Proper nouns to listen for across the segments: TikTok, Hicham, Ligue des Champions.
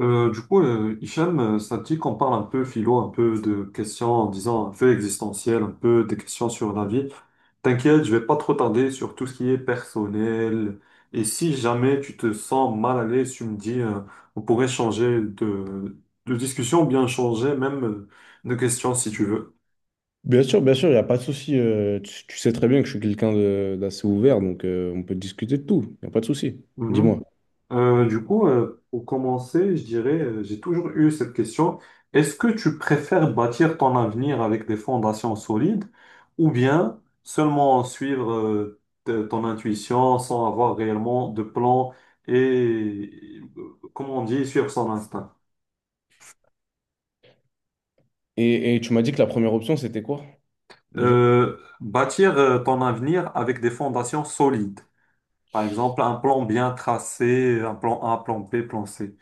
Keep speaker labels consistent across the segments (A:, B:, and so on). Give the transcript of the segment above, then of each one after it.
A: Hicham, ça te dit qu'on parle un peu philo, un peu de questions, en disant un peu existentielles, un peu des questions sur la vie. T'inquiète, je vais pas trop tarder sur tout ce qui est personnel. Et si jamais tu te sens mal à l'aise, tu me dis, on pourrait changer de discussion ou bien changer même de question si tu veux.
B: Bien sûr, il n'y a pas de souci. Tu sais très bien que je suis quelqu'un d'assez ouvert, donc on peut discuter de tout. Il n'y a pas de souci.
A: Mhm.
B: Dis-moi.
A: Pour commencer, je dirais, j'ai toujours eu cette question. Est-ce que tu préfères bâtir ton avenir avec des fondations solides ou bien seulement suivre ton intuition sans avoir réellement de plan et, comment on dit, suivre son instinct?
B: Et tu m'as dit que la première option, c'était quoi déjà?
A: Bâtir ton avenir avec des fondations solides. Par exemple, un plan bien tracé, un plan A, plan B, plan C.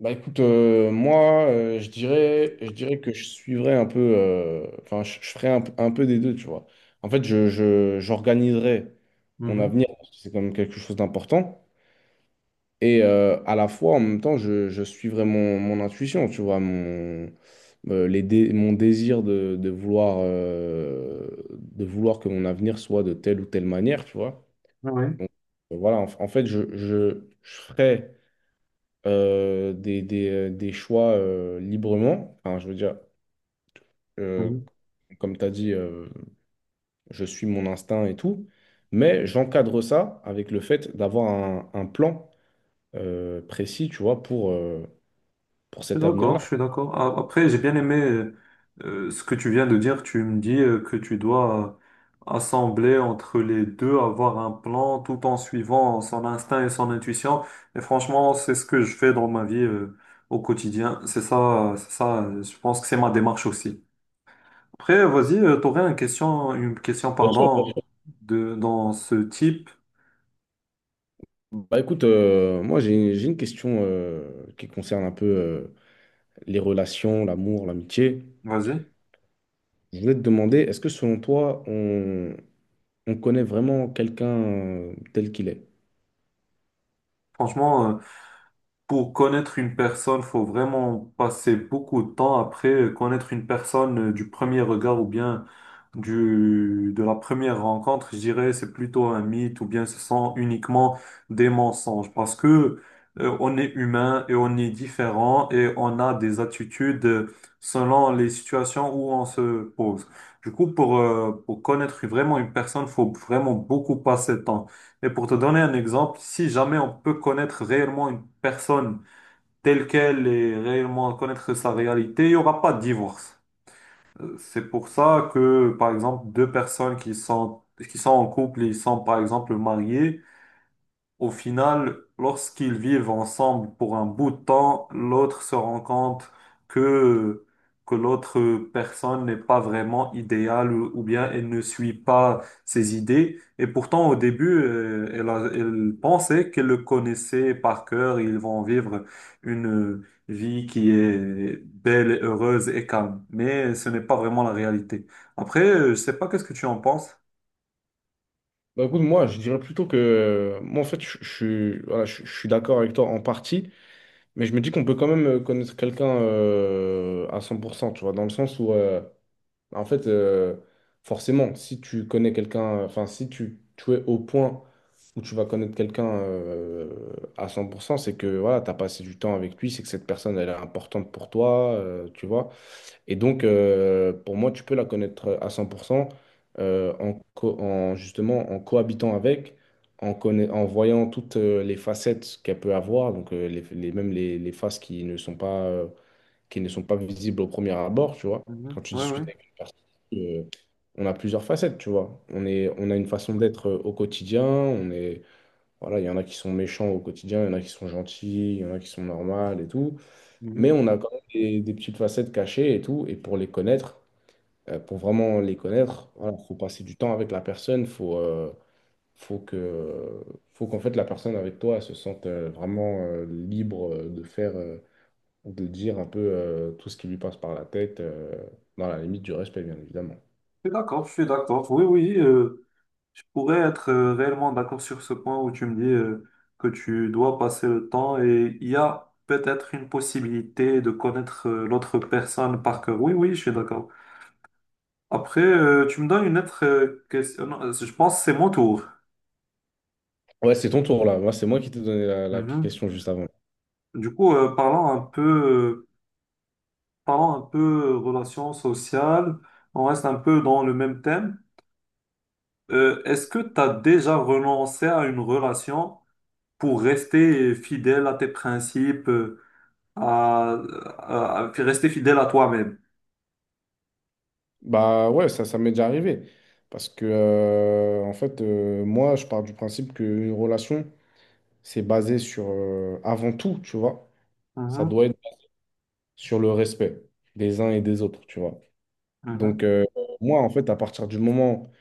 B: Bah écoute, moi, je dirais que je suivrais un peu, enfin, je ferais un, un peu des deux, tu vois. En fait, j'organiserais mon
A: Mhm.
B: avenir, parce que c'est quand même quelque chose d'important. Et à la fois, en même temps, je suivrais mon, mon intuition, tu vois, mon, mon désir de vouloir que mon avenir soit de telle ou telle manière, tu vois.
A: Ah, ouais.
B: Donc, voilà, en fait, je ferai des choix librement. Enfin, je veux dire, euh, comme tu as dit, je suis mon instinct et tout. Mais j'encadre ça avec le fait d'avoir un plan précis, tu vois, pour
A: Je
B: cet
A: suis d'accord,
B: avenir-là.
A: je suis d'accord. Après, j'ai bien aimé ce que tu viens de dire. Tu me dis que tu dois assembler entre les deux, avoir un plan tout en suivant son instinct et son intuition. Et franchement, c'est ce que je fais dans ma vie au quotidien. C'est ça, c'est ça. Je pense que c'est ma démarche aussi. Après, vas-y, t'aurais une question,
B: Bien sûr, bien
A: pardon,
B: sûr.
A: de dans ce type.
B: Bah écoute, moi j'ai une question qui concerne un peu les relations, l'amour, l'amitié.
A: Vas-y.
B: Je voulais te demander, est-ce que selon toi, on connaît vraiment quelqu'un tel qu'il est?
A: Franchement, pour connaître une personne, faut vraiment passer beaucoup de temps. Après, connaître une personne du premier regard ou bien de la première rencontre, je dirais, c'est plutôt un mythe ou bien ce sont uniquement des mensonges parce que on est humain et on est différent et on a des attitudes selon les situations où on se pose. Du coup, pour connaître vraiment une personne, faut vraiment beaucoup passer de temps. Et pour te donner un exemple, si jamais on peut connaître réellement une personne telle qu'elle et réellement connaître sa réalité, il n'y aura pas de divorce. C'est pour ça que, par exemple, deux personnes qui sont en couple et ils sont, par exemple, mariées au final, lorsqu'ils vivent ensemble pour un bout de temps, l'autre se rend compte que, que l'autre personne n'est pas vraiment idéale ou bien elle ne suit pas ses idées. Et pourtant, au début, elle pensait qu'elle le connaissait par cœur. Ils vont vivre une vie qui est belle, et heureuse et calme. Mais ce n'est pas vraiment la réalité. Après, je sais pas qu'est-ce que tu en penses.
B: Bah écoute, moi, je dirais plutôt que. Moi, en fait, je suis d'accord avec toi en partie, mais je me dis qu'on peut quand même connaître quelqu'un à 100%, tu vois, dans le sens où. En fait, forcément, si tu connais quelqu'un, enfin, si tu, tu es au point où tu vas connaître quelqu'un à cent, pour cent, c'est que voilà, tu as passé du temps avec lui, c'est que cette personne, elle est importante pour toi, tu vois. Et donc, pour moi, tu peux la connaître à 100% justement en cohabitant avec, en voyant toutes les facettes qu'elle peut avoir, donc même les faces qui ne sont pas qui ne sont pas visibles au premier abord, tu vois.
A: Mhm.
B: Quand tu
A: Oui, oui.
B: discutes avec une personne, euh, on a plusieurs facettes, tu vois. On a une façon d'être au quotidien, on est, voilà, il y en a qui sont méchants au quotidien, il y en a qui sont gentils, il y en a qui sont normales et tout. Mais
A: Mhm.
B: on a quand même des petites facettes cachées et tout. Et pour les connaître, pour vraiment les connaître, voilà, faut passer du temps avec la personne, faut que, faut qu'en fait la personne avec toi elle se sente vraiment libre de faire. De dire un peu tout ce qui lui passe par la tête, dans la limite du respect, bien évidemment.
A: Je suis d'accord, je suis d'accord. Oui, oui. Je pourrais être réellement d'accord sur ce point où tu me dis que tu dois passer le temps et il y a peut-être une possibilité de connaître l'autre personne par cœur. Oui, oui, je suis d'accord. Après, tu me donnes une autre question. Non, je pense que c'est mon tour.
B: Ouais, c'est ton tour là. Moi, c'est moi qui t'ai donné la, la
A: Mhm.
B: question juste avant.
A: Du coup, euh, parlons un peu, euh, Parlons un peu relations sociales. On reste un peu dans le même thème. Est-ce que tu as déjà renoncé à une relation pour rester fidèle à tes principes? À, à rester fidèle à toi-même.
B: Bah ouais, ça m'est déjà arrivé. Parce que, en fait, moi, je pars du principe qu'une relation, c'est basé sur, avant tout, tu vois, ça
A: Mhm,
B: doit être sur le respect des uns et des autres, tu vois.
A: mhm,
B: Donc, moi, en fait, à partir du moment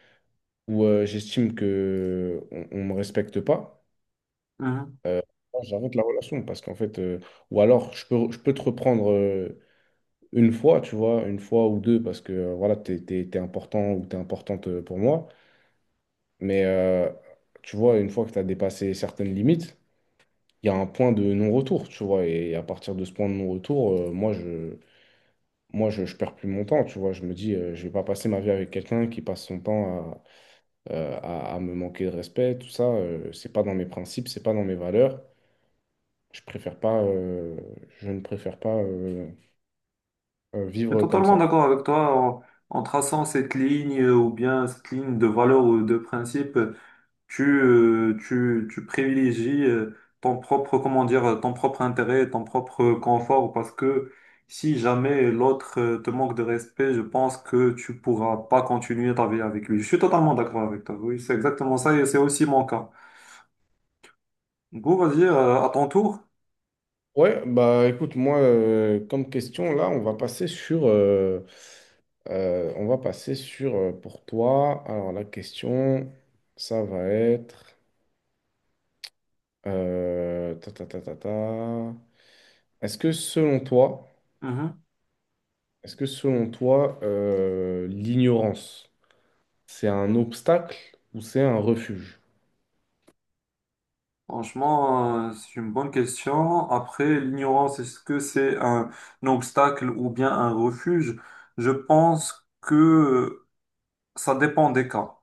B: où j'estime que on me respecte pas,
A: mhm.
B: euh, moi, j'arrête la relation parce qu'en fait, ou alors je peux te reprendre une fois, tu vois, une fois ou deux parce que voilà, t'es important ou t'es importante pour moi, mais tu vois, une fois que t'as dépassé certaines limites, il y a un point de non-retour, tu vois, et à partir de ce point de non-retour, moi je perds plus mon temps, tu vois, je me dis, je vais pas passer ma vie avec quelqu'un qui passe son temps à me manquer de respect, tout ça, c'est pas dans mes principes, c'est pas dans mes valeurs. Je préfère pas, euh, je ne préfère pas
A: Je suis
B: vivre comme
A: totalement
B: ça.
A: d'accord avec toi. En traçant cette ligne ou bien cette ligne de valeur ou de principe, tu privilégies ton propre, comment dire, ton propre intérêt, ton propre confort, parce que si jamais l'autre te manque de respect, je pense que tu pourras pas continuer ta vie avec lui. Je suis totalement d'accord avec toi. Oui, c'est exactement ça et c'est aussi mon cas. Du coup, vas-y, à ton tour.
B: Ouais, bah écoute, moi, comme question, là, on va passer sur, on va passer sur pour toi. Alors la question, ça va être, ta, ta, ta, ta, ta. Est-ce que selon toi, l'ignorance, c'est un obstacle ou c'est un refuge?
A: Franchement, c'est une bonne question. Après, l'ignorance, est-ce que c'est un obstacle ou bien un refuge? Je pense que ça dépend des cas.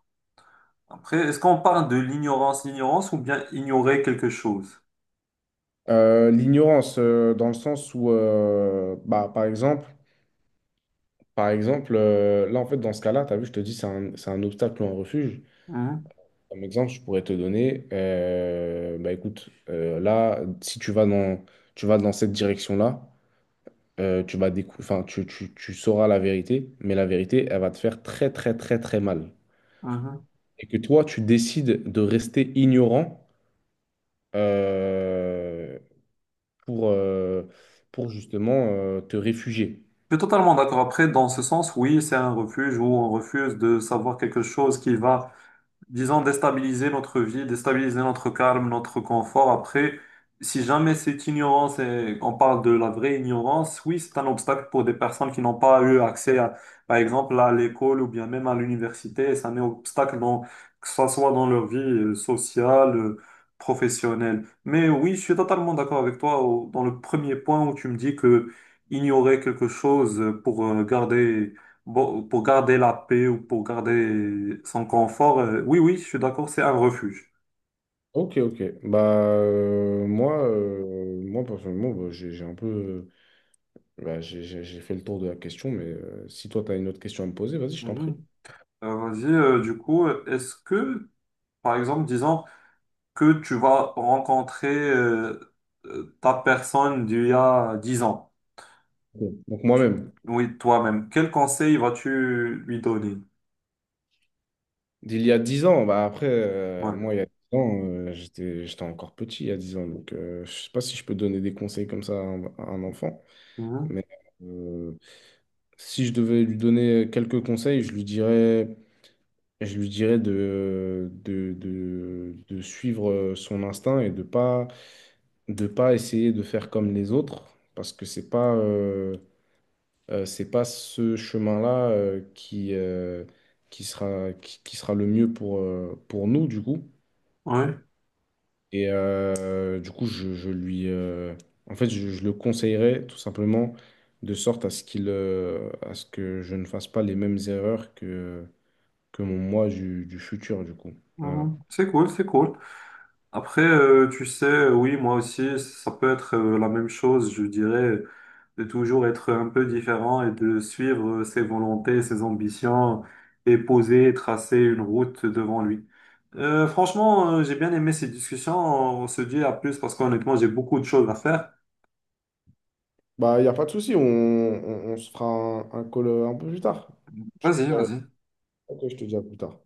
A: Après, est-ce qu'on parle de l'ignorance, l'ignorance ou bien ignorer quelque chose?
B: L'ignorance, dans le sens où, bah, par exemple, par exemple, là, en fait, dans ce cas-là, tu as vu, je te dis, c'est un obstacle ou un refuge.
A: Mhm,
B: Comme exemple, je pourrais te donner, bah écoute, là, si tu vas dans, tu vas dans cette direction-là, enfin, tu sauras la vérité, mais la vérité, elle va te faire très, très, très, très mal.
A: mhm.
B: Et que toi, tu décides de rester ignorant euh, pour, euh, pour justement te réfugier.
A: Je suis totalement d'accord. Après, dans ce sens, oui, c'est un refuge où on refuse de savoir quelque chose qui va, disons, déstabiliser notre vie, déstabiliser notre calme, notre confort. Après, si jamais cette ignorance, et on parle de la vraie ignorance, oui, c'est un obstacle pour des personnes qui n'ont pas eu accès, à, par exemple, à l'école ou bien même à l'université. Et c'est un obstacle dans, que ce soit dans leur vie sociale, professionnelle. Mais oui, je suis totalement d'accord avec toi dans le premier point où tu me dis que ignorer quelque chose pour garder, bon, pour garder la paix ou pour garder son confort, oui, oui, je suis d'accord, c'est un refuge.
B: Ok, ok. Bah, moi, personnellement, bah, j'ai un peu. Bah, j'ai fait le tour de la question, mais si toi, tu as une autre question à me poser, vas-y, je t'en prie.
A: Mhm. Est-ce que, par exemple, disons que tu vas rencontrer ta personne d'il y a 10 ans.
B: Bon. Donc
A: Tu-
B: moi-même,
A: oui, toi-même, quel conseil vas-tu lui donner?
B: d'il y a 10 ans, bah après,
A: Ouais.
B: moi, il y a 10 ans, j'étais encore petit, il y a 10 ans. Donc je sais pas si je peux donner des conseils comme ça à un enfant,
A: Mhm.
B: mais euh, si je devais lui donner quelques conseils, je lui dirais de suivre son instinct et de pas essayer de faire comme les autres, parce que c'est pas ce chemin-là qui sera, qui sera le mieux pour nous, du coup.
A: Ouais.
B: Et du coup, je lui, en fait, je le conseillerais tout simplement de sorte à ce qu'il, à ce que je ne fasse pas les mêmes erreurs que mon moi du futur, du coup. Voilà.
A: Mhm. C'est cool, c'est cool. Après, tu sais, oui, moi aussi, ça peut être la même chose, je dirais. De toujours être un peu différent et de suivre ses volontés, ses ambitions et poser, et tracer une route devant lui. Franchement, j'ai bien aimé ces discussions. On se dit à plus parce qu'honnêtement, j'ai beaucoup de choses à faire.
B: Bah, il n'y a pas de souci, on se fera un call un peu plus tard. Je
A: Vas-y,
B: te-
A: vas-y.
B: ok, je te dis à plus tard.